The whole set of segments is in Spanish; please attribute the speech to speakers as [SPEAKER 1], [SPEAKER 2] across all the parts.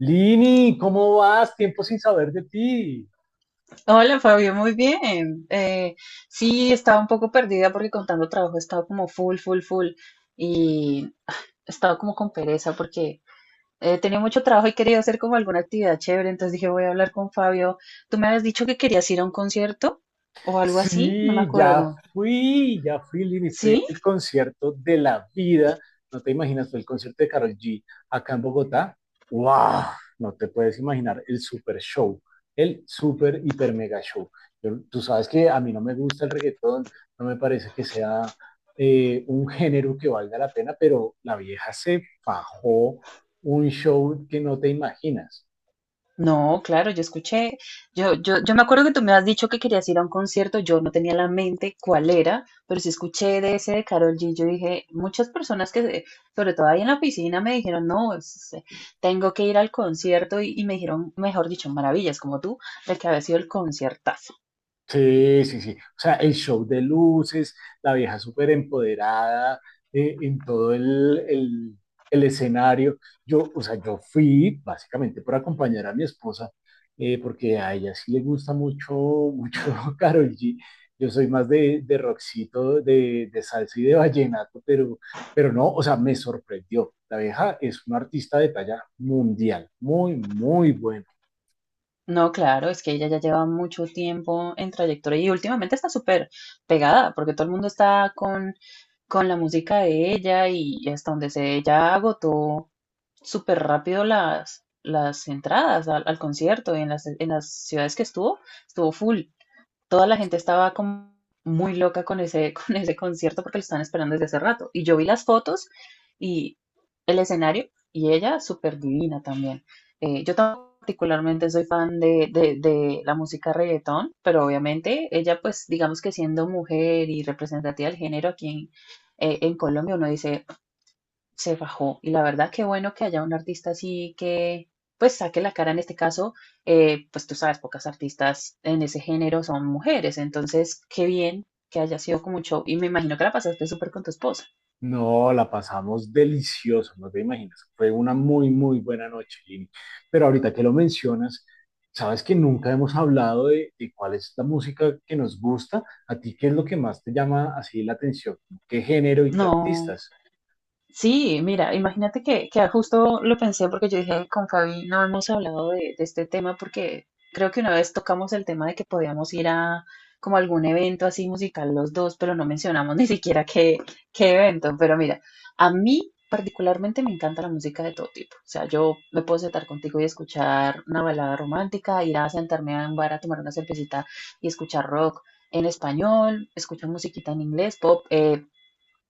[SPEAKER 1] Lini, ¿cómo vas? Tiempo sin saber de ti.
[SPEAKER 2] Hola Fabio, muy bien. Sí, estaba un poco perdida porque contando trabajo he estado como full, full, full y he estado como con pereza porque he tenido mucho trabajo y quería hacer como alguna actividad chévere. Entonces dije, voy a hablar con Fabio. Tú me habías dicho que querías ir a un concierto o algo así, no me
[SPEAKER 1] Sí,
[SPEAKER 2] acuerdo.
[SPEAKER 1] ya fui, Lini.
[SPEAKER 2] ¿Sí?
[SPEAKER 1] Fue el concierto de la vida. No te imaginas, fue el concierto de Karol G acá en Bogotá. ¡Wow! No te puedes imaginar el super show, el super hiper mega show. Tú sabes que a mí no me gusta el reggaetón, no me parece que sea un género que valga la pena, pero la vieja se fajó un show que no te imaginas.
[SPEAKER 2] No, claro, yo escuché, yo me acuerdo que tú me has dicho que querías ir a un concierto. Yo no tenía la mente cuál era, pero sí escuché de ese de Karol G. Yo dije, muchas personas que, sobre todo ahí en la piscina, me dijeron, no, tengo que ir al concierto. Y me dijeron, mejor dicho, maravillas como tú, de que había sido el conciertazo.
[SPEAKER 1] Sí, sí, sí. O sea, el show de luces, la vieja súper empoderada en todo el escenario. Yo, o sea, yo fui básicamente por acompañar a mi esposa, porque a ella sí le gusta mucho, mucho Karol G. Yo soy más de rockcito, de salsa y de vallenato, pero no, o sea, me sorprendió. La vieja es una artista de talla mundial, muy, muy buena.
[SPEAKER 2] No, claro, es que ella ya lleva mucho tiempo en trayectoria y últimamente está súper pegada, porque todo el mundo está con la música de ella, y hasta donde se ella agotó súper rápido las entradas al concierto. Y en las ciudades que estuvo, estuvo full. Toda la gente estaba como muy loca con ese, con ese concierto porque lo estaban esperando desde hace rato. Y yo vi las fotos y el escenario, y ella súper divina también. Yo tampoco particularmente soy fan de la música reggaetón, pero obviamente ella, pues digamos que siendo mujer y representativa del género aquí en Colombia, uno dice, se fajó. Y la verdad, qué bueno que haya un artista así que, pues, saque la cara en este caso. Pues tú sabes, pocas artistas en ese género son mujeres. Entonces, qué bien que haya sido como un show. Y me imagino que la pasaste súper con tu esposa.
[SPEAKER 1] No, la pasamos delicioso, no te imaginas. Fue una muy, muy buena noche, Lini. Pero ahorita que lo mencionas, sabes que nunca hemos hablado de cuál es la música que nos gusta. ¿A ti qué es lo que más te llama así la atención? ¿Qué género y qué
[SPEAKER 2] No.
[SPEAKER 1] artistas?
[SPEAKER 2] Sí, mira, imagínate que justo lo pensé porque yo dije, con Fabi no hemos hablado de este tema, porque creo que una vez tocamos el tema de que podíamos ir a como algún evento así musical los dos, pero no mencionamos ni siquiera qué evento. Pero mira, a mí particularmente me encanta la música de todo tipo. O sea, yo me puedo sentar contigo y escuchar una balada romántica, ir a sentarme a un bar a tomar una cervecita y escuchar rock en español, escuchar musiquita en inglés, pop.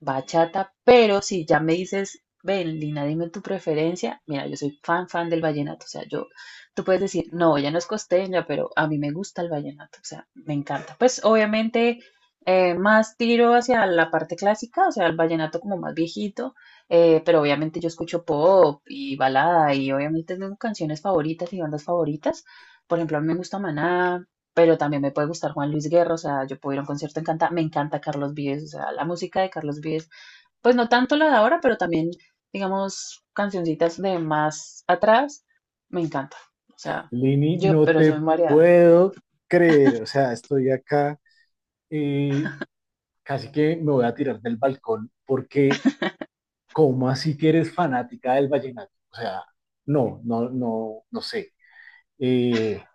[SPEAKER 2] Bachata. Pero si ya me dices, ven, Lina, dime tu preferencia, mira, yo soy fan, fan del vallenato. O sea, yo, tú puedes decir, no, ella no es costeña, pero a mí me gusta el vallenato, o sea, me encanta. Pues obviamente, más tiro hacia la parte clásica, o sea, el vallenato como más viejito. Pero obviamente yo escucho pop y balada, y obviamente tengo canciones favoritas y bandas favoritas. Por ejemplo, a mí me gusta Maná, pero también me puede gustar Juan Luis Guerra. O sea, yo puedo ir a un concierto encanta, me encanta Carlos Vives, o sea, la música de Carlos Vives, pues no tanto la de ahora, pero también, digamos, cancioncitas de más atrás, me encanta. O sea,
[SPEAKER 1] Lini,
[SPEAKER 2] yo,
[SPEAKER 1] no
[SPEAKER 2] pero yo
[SPEAKER 1] te
[SPEAKER 2] me variada,
[SPEAKER 1] puedo creer. O sea, estoy acá y casi que me voy a tirar del balcón porque, ¿cómo así que eres fanática del vallenato? O sea, no, no, no, no sé. Eh,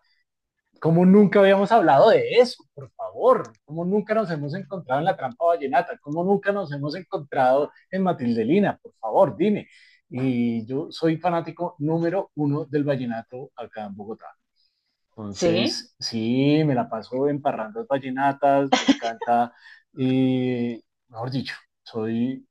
[SPEAKER 1] ¿Cómo nunca habíamos hablado de eso? Por favor, ¿cómo nunca nos hemos encontrado en la trampa vallenata? ¿Cómo nunca nos hemos encontrado en Matildelina? Por favor, dime. Y yo soy fanático número uno del vallenato acá en Bogotá.
[SPEAKER 2] sí,
[SPEAKER 1] Entonces, sí, me la paso en parrandas vallenatas, me encanta. eh, Mejor dicho, soy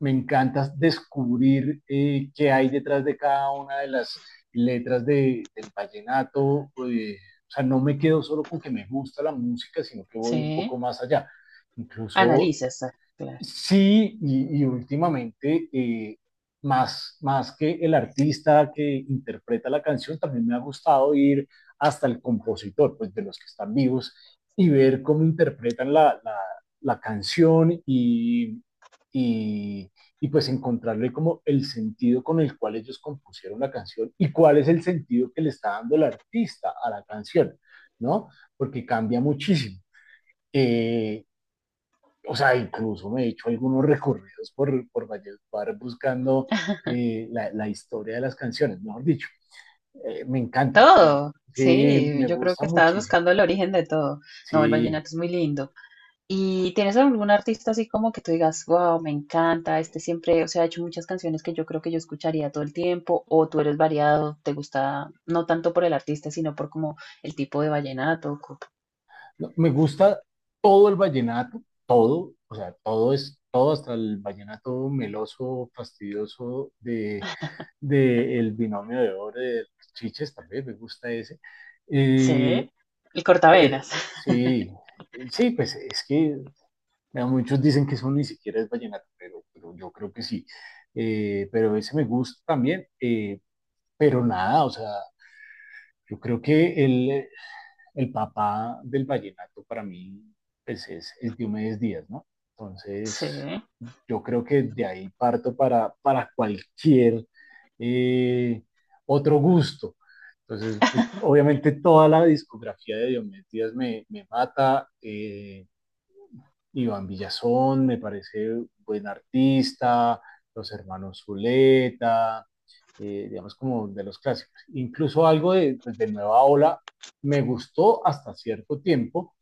[SPEAKER 1] me encanta descubrir qué hay detrás de cada una de las letras del vallenato. O sea, no me quedo solo con que me gusta la música, sino que voy un poco
[SPEAKER 2] sí,
[SPEAKER 1] más allá. Incluso
[SPEAKER 2] analizas, ah, claro,
[SPEAKER 1] Sí, y, últimamente, más, más que el artista que interpreta la canción, también me ha gustado ir hasta el compositor, pues de los que están vivos, y ver cómo interpretan la canción y, y, y pues encontrarle como el sentido con el cual ellos compusieron la canción y cuál es el sentido que le está dando el artista a la canción, ¿no? Porque cambia muchísimo. Eh, o sea, incluso me he hecho algunos recorridos por Valledupar buscando historia de las canciones, mejor dicho. Me encanta,
[SPEAKER 2] todo,
[SPEAKER 1] sí,
[SPEAKER 2] sí,
[SPEAKER 1] me
[SPEAKER 2] yo creo que
[SPEAKER 1] gusta
[SPEAKER 2] estabas buscando
[SPEAKER 1] muchísimo,
[SPEAKER 2] el origen de todo, no, el
[SPEAKER 1] sí.
[SPEAKER 2] vallenato es muy lindo. ¿Y tienes algún artista así como que tú digas, wow, me encanta, este siempre? O sea, ha hecho muchas canciones que yo creo que yo escucharía todo el tiempo, o tú eres variado, te gusta no tanto por el artista, sino por como el tipo de vallenato,
[SPEAKER 1] No, me gusta todo el vallenato, todo, o sea, todo es, todo hasta el vallenato meloso, fastidioso de el binomio de oro de los Chiches, también me gusta ese.
[SPEAKER 2] sí,
[SPEAKER 1] eh,
[SPEAKER 2] el
[SPEAKER 1] pero
[SPEAKER 2] cortavenas,
[SPEAKER 1] sí, sí, pues es que vea, muchos dicen que eso ni siquiera es vallenato, pero yo creo que sí. Pero ese me gusta también. Pero nada, o sea, yo creo que el papá del vallenato para mí pues, es Diomedes Díaz, ¿no? Entonces,
[SPEAKER 2] sí,
[SPEAKER 1] yo creo que de ahí parto para cualquier eh, otro gusto. Entonces, pues, obviamente toda la discografía de Diomedes Díaz me mata. Iván Villazón, me parece un buen artista, los hermanos Zuleta, digamos como de los clásicos. Incluso algo de, pues, de Nueva Ola me gustó hasta cierto tiempo.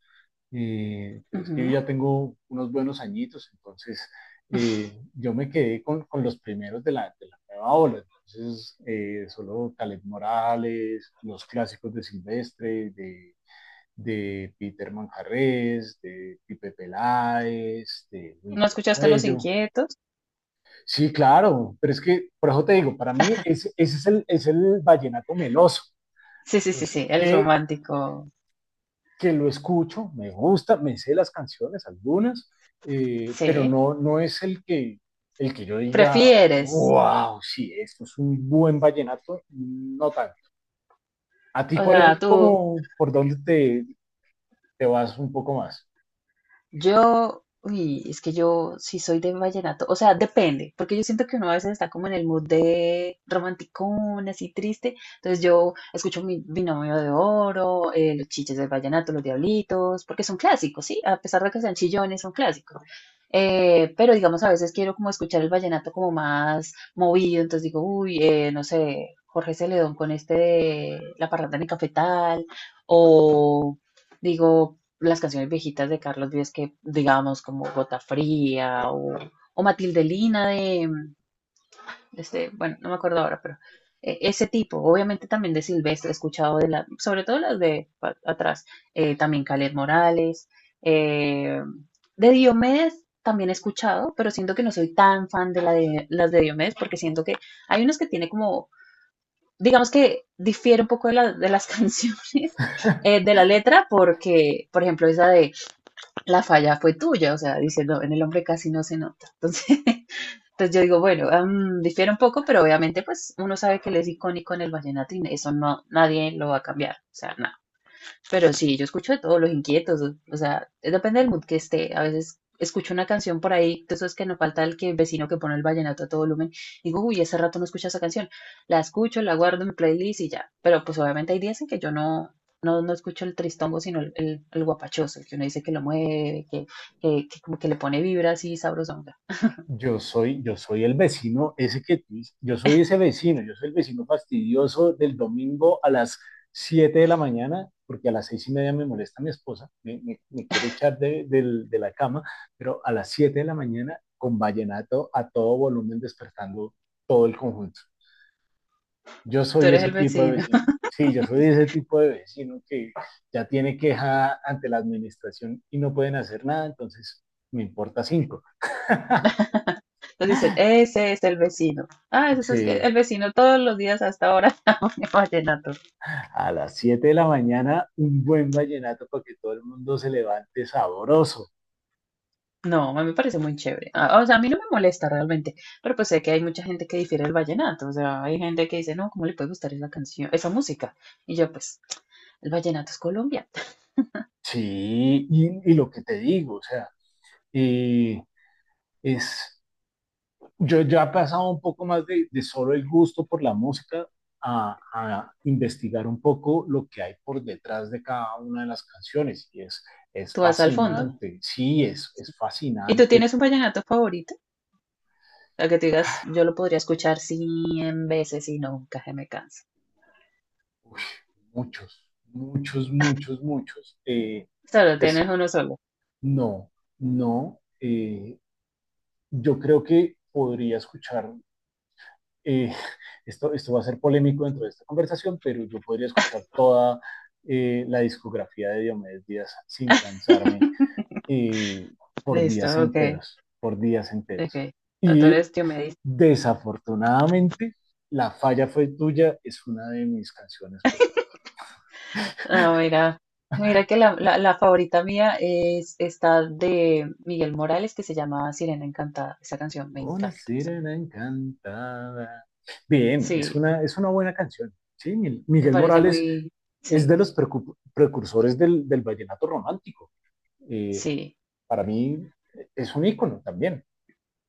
[SPEAKER 1] Es que
[SPEAKER 2] ujú.
[SPEAKER 1] yo ya tengo unos buenos añitos, entonces yo me quedé los primeros de la Nueva Ola. Entonces, solo Caleb Morales, los clásicos de Silvestre, de Peter Manjarres, de Pipe Peláez, de Luis
[SPEAKER 2] ¿No escuchaste Los
[SPEAKER 1] Cuello.
[SPEAKER 2] Inquietos?
[SPEAKER 1] Sí, claro, pero es que, por eso te digo, para mí es el vallenato meloso.
[SPEAKER 2] Sí, sí, sí,
[SPEAKER 1] Entonces,
[SPEAKER 2] sí, el romántico,
[SPEAKER 1] que lo escucho, me gusta, me sé las canciones, algunas, pero
[SPEAKER 2] sí,
[SPEAKER 1] no, no es el que, yo diga,
[SPEAKER 2] prefieres,
[SPEAKER 1] wow, sí, esto es un buen vallenato, no tanto. ¿A ti
[SPEAKER 2] o
[SPEAKER 1] cuál
[SPEAKER 2] sea,
[SPEAKER 1] es
[SPEAKER 2] tú.
[SPEAKER 1] como por dónde te vas un poco más?
[SPEAKER 2] Yo, uy, es que yo sí soy de vallenato, o sea, depende, porque yo siento que uno a veces está como en el mood de romanticón, así triste, entonces yo escucho mi binomio de oro, los chiches del vallenato, los diablitos, porque son clásicos, ¿sí? A pesar de que sean chillones, son clásicos. Pero digamos, a veces quiero como escuchar el vallenato como más movido, entonces digo, uy, no sé, Jorge Celedón con este de La parranda en cafetal, o digo, las canciones viejitas de Carlos Vives que, digamos, como Gota Fría, o Matilde Lina de, este, bueno, no me acuerdo ahora, pero ese tipo, obviamente también de Silvestre, he escuchado de la, sobre todo las de atrás. También Calet Morales. eh, de Diomedes también he escuchado, pero siento que no soy tan fan de la, de las de Diomedes, porque siento que hay unas que tiene como, digamos que difiere un poco de las canciones, de la letra, porque, por ejemplo, esa de la falla fue tuya, o sea, dice, no, en el hombre casi no se nota. Entonces, entonces yo digo, bueno, mm, difiere un poco, pero obviamente pues uno sabe que él es icónico en el vallenato, y eso no, nadie lo va a cambiar, o sea, nada. Pero sí, yo escucho de todos los inquietos, o sea, depende del mood que esté. A veces escucho una canción por ahí, de esos que no falta el que el vecino que pone el vallenato a todo volumen, digo, uy, hace rato no escucho esa canción. La escucho, la guardo en mi playlist y ya. Pero pues obviamente hay días en que yo no escucho el tristongo, sino el guapachoso, el que uno dice que lo mueve, que como que le pone vibra así sabrosonga.
[SPEAKER 1] Yo soy el vecino, ese que tú dices, yo soy ese vecino, yo soy el vecino fastidioso del domingo a las 7 de la mañana, porque a las 6:30 me molesta mi esposa, me quiere echar de la cama, pero a las 7 de la mañana con vallenato a todo volumen despertando todo el conjunto. Yo
[SPEAKER 2] Tú
[SPEAKER 1] soy
[SPEAKER 2] eres
[SPEAKER 1] ese
[SPEAKER 2] el
[SPEAKER 1] tipo de
[SPEAKER 2] vecino.
[SPEAKER 1] vecino. Sí, yo soy ese tipo de vecino que ya tiene queja ante la administración y no pueden hacer nada, entonces me importa cinco.
[SPEAKER 2] Entonces dicen, ese es el vecino. Ah, eso es que
[SPEAKER 1] Sí,
[SPEAKER 2] el vecino todos los días hasta ahora pone vallenato.
[SPEAKER 1] a las 7 de la mañana, un buen vallenato para que todo el mundo se levante sabroso.
[SPEAKER 2] No, a mí me parece muy chévere. Ah, o sea, a mí no me molesta realmente, pero pues sé que hay mucha gente que difiere del vallenato. O sea, hay gente que dice, no, ¿cómo le puede gustar esa canción, esa música? Y yo, pues, el vallenato es Colombia.
[SPEAKER 1] Sí, y, lo que te digo, o sea, y es, yo ya he pasado un poco más de solo el gusto por la música a investigar un poco lo que hay por detrás de cada una de las canciones. Y es
[SPEAKER 2] Tú vas al fondo.
[SPEAKER 1] fascinante, sí, es
[SPEAKER 2] ¿Y tú
[SPEAKER 1] fascinante.
[SPEAKER 2] tienes un vallenato favorito? A que tú digas, yo lo podría escuchar 100 veces y nunca se me cansa.
[SPEAKER 1] Uy, muchos, muchos, muchos, muchos.
[SPEAKER 2] Solo tienes
[SPEAKER 1] Entonces,
[SPEAKER 2] uno solo.
[SPEAKER 1] no, no, yo creo que podría eh, esto va a ser polémico dentro de esta conversación, pero yo podría escuchar toda la discografía de Diomedes Díaz sin cansarme. eh, por
[SPEAKER 2] Listo,
[SPEAKER 1] días
[SPEAKER 2] ok,
[SPEAKER 1] enteros, por días
[SPEAKER 2] ok.
[SPEAKER 1] enteros.
[SPEAKER 2] O sea, tú
[SPEAKER 1] Y
[SPEAKER 2] eres Diomedes.
[SPEAKER 1] desafortunadamente, La falla fue tuya es una de mis canciones.
[SPEAKER 2] Ah, mira, mira que la, la favorita mía es esta de Miguel Morales, que se llama Sirena Encantada. Esa canción me
[SPEAKER 1] Una
[SPEAKER 2] encanta. O sea,
[SPEAKER 1] sirena encantada. Bien,
[SPEAKER 2] sí,
[SPEAKER 1] es una buena canción. Sí, Mil-
[SPEAKER 2] me
[SPEAKER 1] Miguel
[SPEAKER 2] parece
[SPEAKER 1] Morales
[SPEAKER 2] muy,
[SPEAKER 1] es de
[SPEAKER 2] sí,
[SPEAKER 1] los precursores del vallenato romántico. Eh,
[SPEAKER 2] sí,
[SPEAKER 1] para mí es un ícono también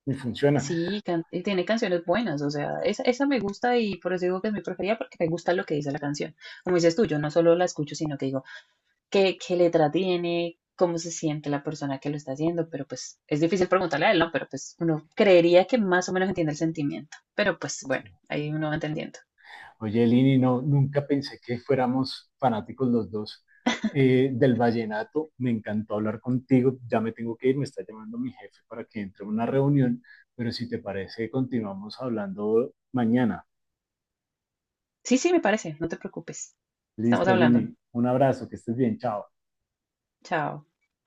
[SPEAKER 1] y funciona.
[SPEAKER 2] sí, y tiene canciones buenas, o sea, esa me gusta, y por eso digo que es mi preferida porque me gusta lo que dice la canción. Como dices tú, yo no solo la escucho, sino que digo, qué, qué letra tiene, cómo se siente la persona que lo está haciendo, pero pues es difícil preguntarle a él, ¿no? Pero pues uno creería que más o menos entiende el sentimiento, pero pues bueno,
[SPEAKER 1] Sí.
[SPEAKER 2] ahí uno va entendiendo.
[SPEAKER 1] Oye, Lini, no, nunca pensé que fuéramos fanáticos los dos del vallenato. Me encantó hablar contigo. Ya me tengo que ir, me está llamando mi jefe para que entre a una reunión, pero si te parece, continuamos hablando mañana.
[SPEAKER 2] Sí, sí, me parece, no te preocupes. Estamos
[SPEAKER 1] Listo,
[SPEAKER 2] hablando.
[SPEAKER 1] Lini. Un abrazo, que estés bien, chao.
[SPEAKER 2] Chao.